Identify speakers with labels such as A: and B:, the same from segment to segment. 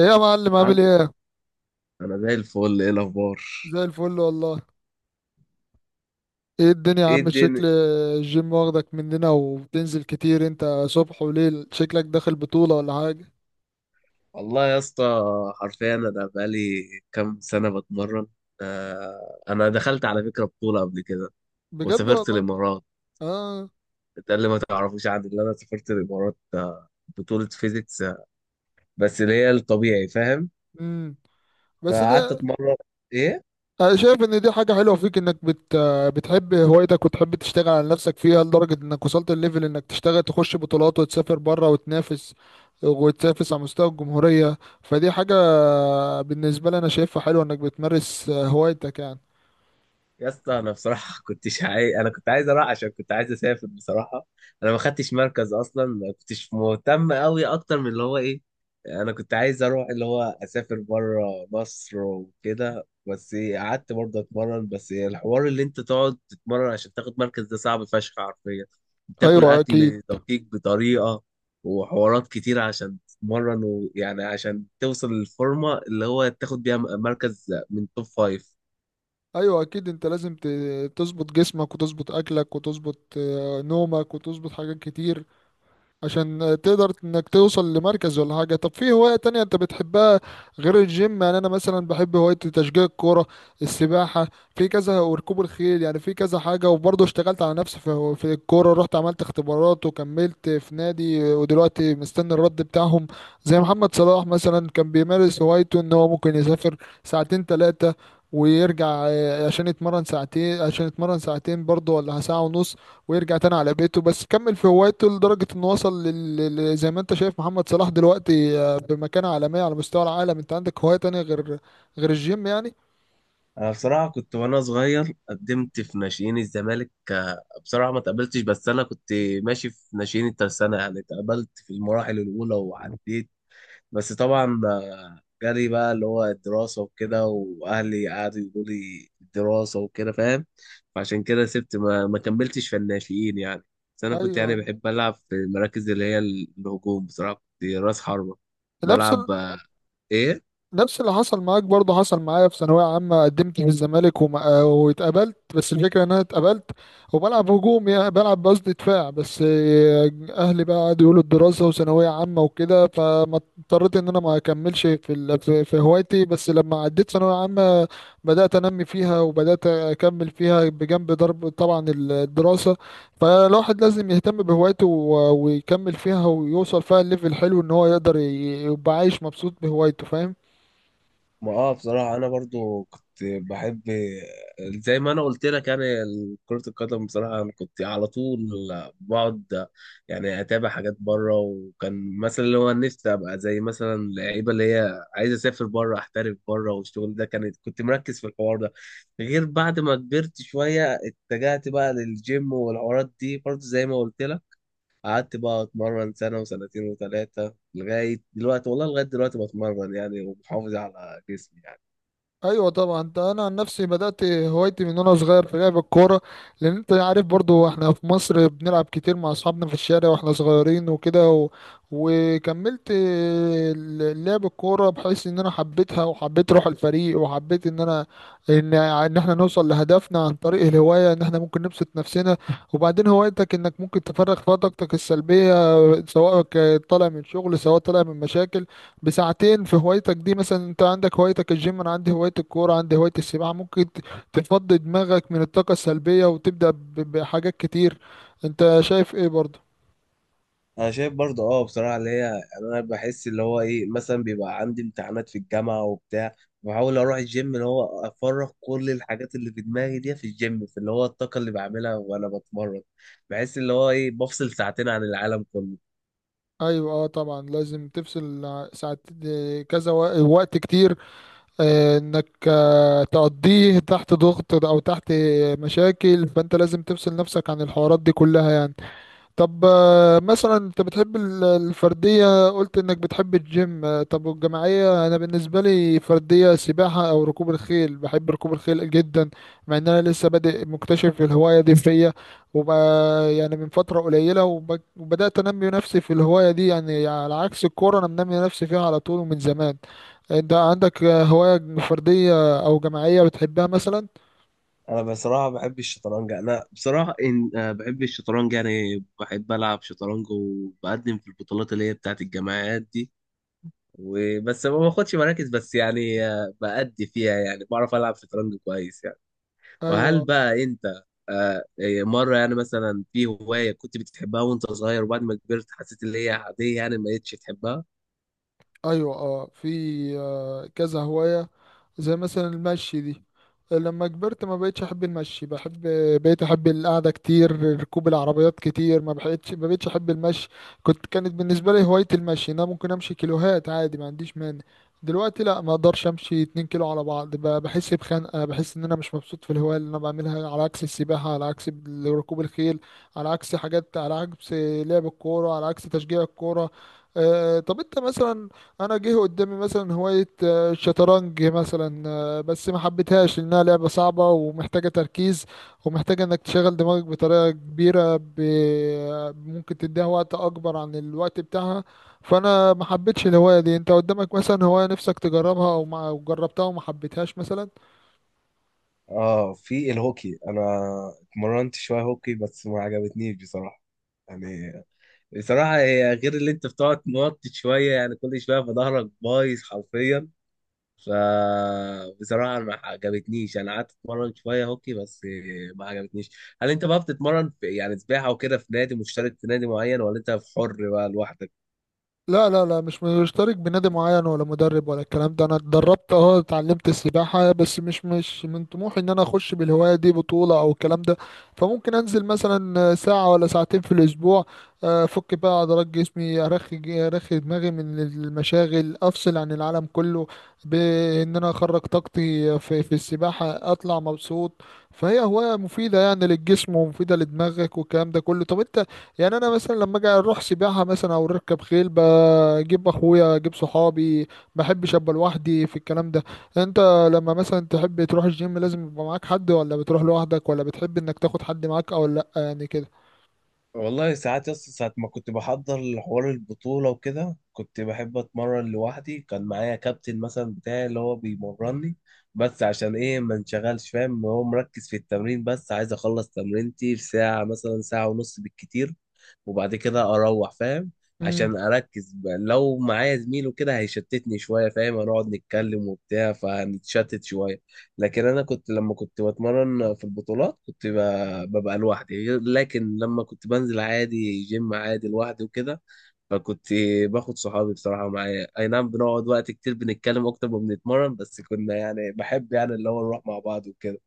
A: ايه يا معلم،
B: عم.
A: عامل ايه؟
B: انا زي الفل، ايه الاخبار؟
A: زي الفل والله. ايه الدنيا يا
B: ايه
A: عم؟
B: الدنيا.
A: شكل الجيم واخدك مننا وبتنزل كتير انت، صبح وليل، شكلك داخل بطولة ولا حاجة؟
B: والله يا اسطى، حرفيا انا بقالي كام سنه بتمرن. آه، انا دخلت على فكره بطوله قبل كده
A: بجد
B: وسافرت
A: والله.
B: الامارات.
A: اه.
B: ده اللي ما تعرفوش عني، اللي انا سافرت الامارات، آه، بطوله فيزيكس، آه، بس اللي هي الطبيعي، فاهم.
A: امم بس دي
B: فقعدت اتمرن، ايه
A: انا شايف ان دي حاجة حلوة فيك، انك بتحب هوايتك وتحب تشتغل على نفسك فيها، لدرجة انك وصلت الليفل انك تشتغل تخش بطولات وتسافر بره وتنافس، وتنافس على مستوى الجمهورية. فدي حاجة بالنسبة لي انا شايفها حلوة، انك بتمارس هوايتك يعني.
B: يا اسطى. انا بصراحه كنتش عايز، انا كنت عايز اروح عشان كنت عايز اسافر بصراحه. انا ما خدتش مركز اصلا، ما كنتش مهتم قوي اكتر من اللي هو ايه. انا كنت عايز اروح اللي هو اسافر بره مصر وكده، بس إيه، قعدت برضه اتمرن. بس إيه، الحوار اللي انت تقعد تتمرن عشان تاخد مركز ده صعب فشخ حرفيا. بتاكل
A: ايوه اكيد.
B: اكل دقيق بطريقه وحوارات كتير عشان تتمرن، ويعني عشان توصل للفورمه اللي هو تاخد بيها مركز من توب فايف.
A: ايوه اكيد، انت لازم تظبط جسمك وتظبط اكلك وتظبط نومك وتظبط حاجات كتير عشان تقدر انك توصل لمركز ولا حاجة. طب في هواية تانية انت بتحبها غير الجيم يعني؟ انا مثلا بحب هواية تشجيع الكورة، السباحة، في كذا، وركوب الخيل، يعني في كذا حاجة. وبرضه اشتغلت على نفسي في الكورة، رحت عملت اختبارات وكملت في نادي ودلوقتي مستني الرد بتاعهم. زي محمد صلاح مثلا، كان بيمارس هوايته ان هو ممكن يسافر ساعتين ثلاثة ويرجع، عشان يتمرن ساعتين، عشان يتمرن ساعتين برضه ولا ساعة ونص، ويرجع تاني على بيته. بس كمل في هوايته لدرجة انه وصل زي ما انت شايف محمد صلاح دلوقتي، بمكانة عالمية على مستوى العالم. انت عندك هواية تانية غير غير الجيم يعني؟
B: انا بصراحه كنت وانا صغير قدمت في ناشئين الزمالك، آه، بصراحه ما تقبلتش، بس انا كنت ماشي في ناشئين الترسانه، يعني اتقبلت في المراحل الاولى وعديت. بس طبعا، آه، جالي بقى اللي هو الدراسه وكده واهلي قعدوا يقولوا لي الدراسه وكده، فاهم. فعشان كده سبت ما كملتش في الناشئين يعني. بس انا
A: ايوه.
B: كنت يعني
A: أيوة.
B: بحب العب في المراكز اللي هي الهجوم بصراحه. كنت راس حربه
A: نفس،
B: بلعب، آه، ايه.
A: نفس اللي حصل معاك برضه حصل معايا في ثانوية عامة، قدمت في الزمالك واتقبلت، بس الفكرة ان انا اتقبلت وبلعب هجوم، يعني بلعب قصدي دفاع، بس اهلي بقى قعدوا يقولوا الدراسة وثانوية عامة وكده، فما اضطريت ان انا ما اكملش في في هوايتي. بس لما عديت ثانوية عامة بدأت انمي فيها وبدأت اكمل فيها بجنب ضرب طبعا الدراسة. فالواحد لازم يهتم بهوايته ويكمل فيها ويوصل فيها الليفل الحلو، ان هو يقدر يبقى عايش مبسوط بهوايته، فاهم؟
B: ما اه، بصراحة أنا برضو كنت بحب زي ما أنا قلت لك، يعني كرة القدم. بصراحة أنا كنت على طول بقعد يعني أتابع حاجات بره، وكان مثلا اللي هو نفسي أبقى زي مثلا اللعيبة اللي هي عايزة أسافر بره، أحترف بره، والشغل ده كانت كنت مركز في الحوار ده. غير بعد ما كبرت شوية اتجهت بقى للجيم والحوارات دي، برضو زي ما قلت لك، قعدت بقى اتمرن سنه وسنتين وثلاثه لغايه دلوقتي، والله لغايه دلوقتي بتمرن يعني ومحافظ على جسمي يعني.
A: ايوه طبعا. ده انا عن نفسي بدات هوايتي من وانا صغير في لعب الكوره، لان انت عارف برضو احنا في مصر بنلعب كتير مع اصحابنا في الشارع واحنا صغيرين وكده وكملت لعب الكوره، بحيث ان انا حبيتها وحبيت روح الفريق وحبيت ان انا ان احنا نوصل لهدفنا عن طريق الهوايه، ان احنا ممكن نبسط نفسنا. وبعدين هوايتك انك ممكن تفرغ فيها طاقتك السلبيه، سواء طالع من شغل، سواء طالع من مشاكل، بساعتين في هوايتك دي. مثلا انت عندك هوايتك الجيم، انا عندي هواية الكورة، عندي هواية السباحة، ممكن تفضي دماغك من الطاقة السلبية وتبدأ بحاجات كتير. انت شايف ايه برضه؟
B: انا شايف برضه اه بصراحه اللي هي يعني انا بحس اللي هو ايه مثلا بيبقى عندي امتحانات في الجامعه وبتاع، بحاول اروح الجيم اللي هو افرغ كل الحاجات اللي في دماغي دي في الجيم في اللي هو الطاقه اللي بعملها وانا بتمرن. بحس اللي هو ايه بفصل ساعتين عن العالم كله.
A: ايوه اه، طبعا لازم تفصل ساعات، اه، كذا وقت كتير، اه، انك، اه، تقضيه تحت ضغط او تحت مشاكل، فانت لازم تفصل نفسك عن الحوارات دي كلها يعني. طب مثلا انت بتحب الفردية، قلت انك بتحب الجيم، طب والجماعية؟ انا بالنسبة لي فردية سباحة او ركوب الخيل، بحب ركوب الخيل جدا، مع ان انا لسه بادئ مكتشف الهواية دي فيا وب... يعني من فترة قليلة، وبدأت انمي نفسي في الهواية دي، يعني على عكس الكورة، انا منمي نفسي فيها على طول ومن زمان. انت عندك هواية فردية او جماعية بتحبها مثلا؟
B: انا بصراحه بحب الشطرنج. انا بصراحه إن آه، بحب الشطرنج، يعني بحب العب شطرنج وبقدم في البطولات اللي هي بتاعت الجامعات دي، وبس ما باخدش مراكز، بس يعني آه، بأدي فيها يعني بعرف العب شطرنج كويس يعني. وهل
A: ايوه
B: بقى انت، آه، إيه، مره يعني مثلا في هوايه كنت بتحبها وانت صغير، وبعد ما كبرت حسيت ان هي عاديه يعني ما بقتش تحبها؟
A: ايوه اه، في كذا هواية، زي مثلا المشي دي، لما كبرت ما بقتش احب المشي، بحب، بقيت احب القعده كتير، ركوب العربيات كتير، ما بقتش احب المشي. كنت، كانت بالنسبه لي هوايه المشي إن انا ممكن امشي كيلوهات عادي، ما عنديش مانع. دلوقتي لا، ما اقدرش امشي 2 كيلو على بعض، بحس بخنقه، بحس ان انا مش مبسوط في الهوايه اللي انا بعملها، على عكس السباحه، على عكس ركوب الخيل، على عكس حاجات، على عكس لعب الكوره، على عكس تشجيع الكوره. طب انت مثلا، انا جه قدامي مثلا هوايه الشطرنج مثلا، بس ما حبيتهاش لأنها لعبة صعبة ومحتاجة تركيز، ومحتاجة إنك تشغل دماغك بطريقة كبيرة، ممكن تديها وقت أكبر عن الوقت بتاعها، فأنا ما حبيتش الهواية دي. أنت قدامك مثلا هواية نفسك تجربها، أو ما أو جربتها وما حبيتهاش مثلا؟
B: اه، في الهوكي. انا اتمرنت شويه هوكي بس ما عجبتنيش بصراحه يعني. بصراحة هي غير، اللي انت بتقعد موطي شوية يعني كل شوية، فظهرك بايظ حرفيا، ف بصراحة ما عجبتنيش. انا قعدت اتمرن شوية هوكي بس ما عجبتنيش. هل انت بقى بتتمرن في يعني سباحة وكده في نادي مشترك، في نادي معين، ولا انت في حر بقى لوحدك؟
A: لا لا لا، مش مشترك بنادي معين ولا مدرب ولا الكلام ده، انا اتدربت، اه، اتعلمت السباحة، بس مش من طموحي ان انا اخش بالهواية دي بطولة او الكلام ده. فممكن انزل مثلا ساعة ولا ساعتين في الاسبوع، افك بقى عضلات جسمي، ارخي ارخي دماغي من المشاغل، افصل عن العالم كله، بان انا اخرج طاقتي في السباحة اطلع مبسوط. فهي هواية مفيدة يعني للجسم ومفيدة لدماغك والكلام ده كله. طب انت، يعني انا مثلا لما اجي اروح سباحه مثلا او اركب خيل، بجيب اخويا اجيب صحابي، ما بحبش ابقى لوحدي في الكلام ده. انت لما مثلا تحب تروح الجيم، لازم يبقى معاك حد ولا بتروح لوحدك، ولا بتحب انك تاخد حد معاك او لا يعني؟
B: والله ساعات يس ساعة ما كنت بحضر لحوار البطولة وكده كنت بحب أتمرن لوحدي، كان معايا كابتن مثلا بتاعي اللي هو بيمرني، بس عشان إيه ما انشغلش، فاهم؟ هو مركز في التمرين، بس عايز أخلص تمرينتي في ساعة مثلا ساعة ونص بالكتير وبعد كده اروح، فاهم؟
A: كده.
B: عشان اركز بقى. لو معايا زميل وكده هيشتتني شويه، فاهم؟ هنقعد نتكلم وبتاع فهنتشتت شويه. لكن انا كنت لما كنت بتمرن في البطولات كنت ببقى لوحدي، لكن لما كنت بنزل عادي جيم عادي لوحدي وكده، فكنت باخد صحابي بصراحه معايا، اي نعم بنقعد وقت كتير بنتكلم اكتر ما بنتمرن، بس كنا يعني بحب يعني اللي هو نروح مع بعض وكده.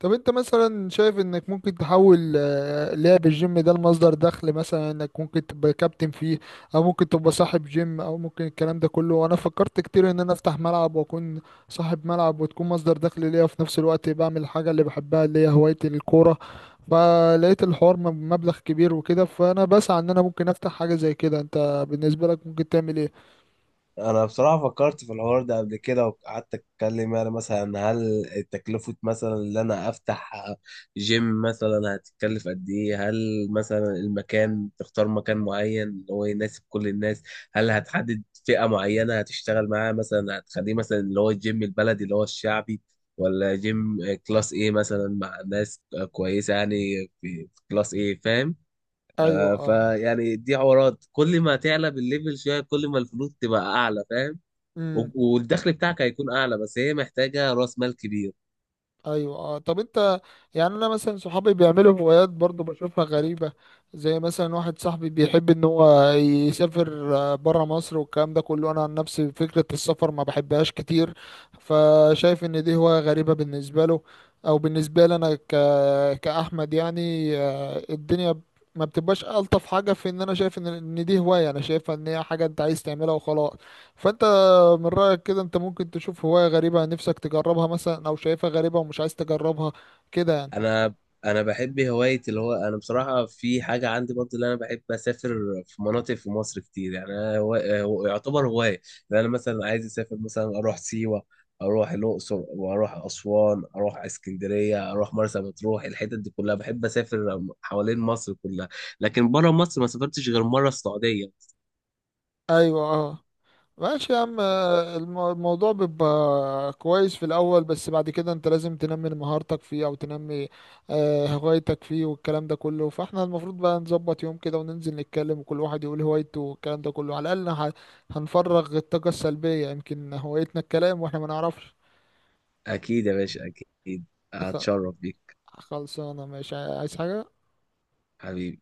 A: طب انت مثلا شايف انك ممكن تحول لعب الجيم ده لمصدر دخل مثلا، انك ممكن تبقى كابتن فيه، او ممكن تبقى صاحب جيم، او ممكن الكلام ده كله؟ وانا فكرت كتير ان انا افتح ملعب واكون صاحب ملعب، وتكون مصدر دخل ليا في نفس الوقت بعمل الحاجة اللي بحبها اللي هي هواية الكورة، فلقيت الحوار مبلغ كبير وكده، فانا بسعى ان انا ممكن افتح حاجة زي كده. انت بالنسبة لك ممكن تعمل ايه؟
B: انا بصراحه فكرت في الحوار ده قبل كده وقعدت اتكلم، يعني مثلا هل تكلفه مثلا ان انا افتح جيم مثلا هتتكلف قد ايه؟ هل مثلا المكان تختار مكان معين اللي هو يناسب كل الناس؟ هل هتحدد فئه معينه هتشتغل معاها، مثلا هتخليه مثلا اللي هو الجيم البلدي اللي هو الشعبي، ولا جيم كلاس ايه مثلا مع ناس كويسه يعني في كلاس ايه، فاهم؟
A: ايوه
B: آه،
A: اه.
B: فيعني دي حوارات، كل ما تعلى بالليفل شويه كل ما الفلوس تبقى اعلى، فاهم،
A: امم.
B: والدخل بتاعك هيكون اعلى، بس هي محتاجه راس مال كبير.
A: ايوه اه، طب انت، يعني انا مثلا صحابي بيعملوا هوايات برضو بشوفها غريبة، زي مثلا واحد صاحبي بيحب ان هو يسافر بره مصر والكلام ده كله، انا عن نفسي فكرة السفر ما بحبهاش كتير، فشايف ان دي هواية غريبة بالنسبة له، او بالنسبة لي انا كأحمد يعني. الدنيا ما بتبقاش ألطف حاجة، في ان انا شايف ان دي هواية، انا شايفها ان هي حاجة انت عايز تعملها وخلاص. فانت من رأيك كده، انت ممكن تشوف هواية غريبة نفسك تجربها مثلا، او شايفها غريبة ومش عايز تجربها كده يعني؟
B: انا انا بحب هوايه اللي هو انا بصراحه في حاجه عندي برضه اللي انا بحب اسافر في مناطق في مصر كتير يعني، أنا يعتبر هوايه. لان انا مثلا عايز اسافر مثلا اروح سيوه، اروح الاقصر واروح اسوان اروح اسكندريه اروح مرسى مطروح، الحتت دي كلها بحب اسافر حوالين مصر كلها. لكن بره مصر ما سافرتش غير مره السعوديه.
A: ايوه اه. ماشي يا عم، الموضوع بيبقى كويس في الاول، بس بعد كده انت لازم تنمي مهارتك فيه او تنمي هوايتك فيه والكلام ده كله. فاحنا المفروض بقى نظبط يوم كده وننزل نتكلم وكل واحد يقول هوايته والكلام ده كله، على الاقل هنفرغ الطاقة السلبية. يمكن هوايتنا الكلام واحنا ما نعرفش.
B: اكيد يا باشا، اكيد.
A: خ-
B: هتشرف بيك.
A: خلصانة ماشي، عايز حاجة؟
B: حبيبي.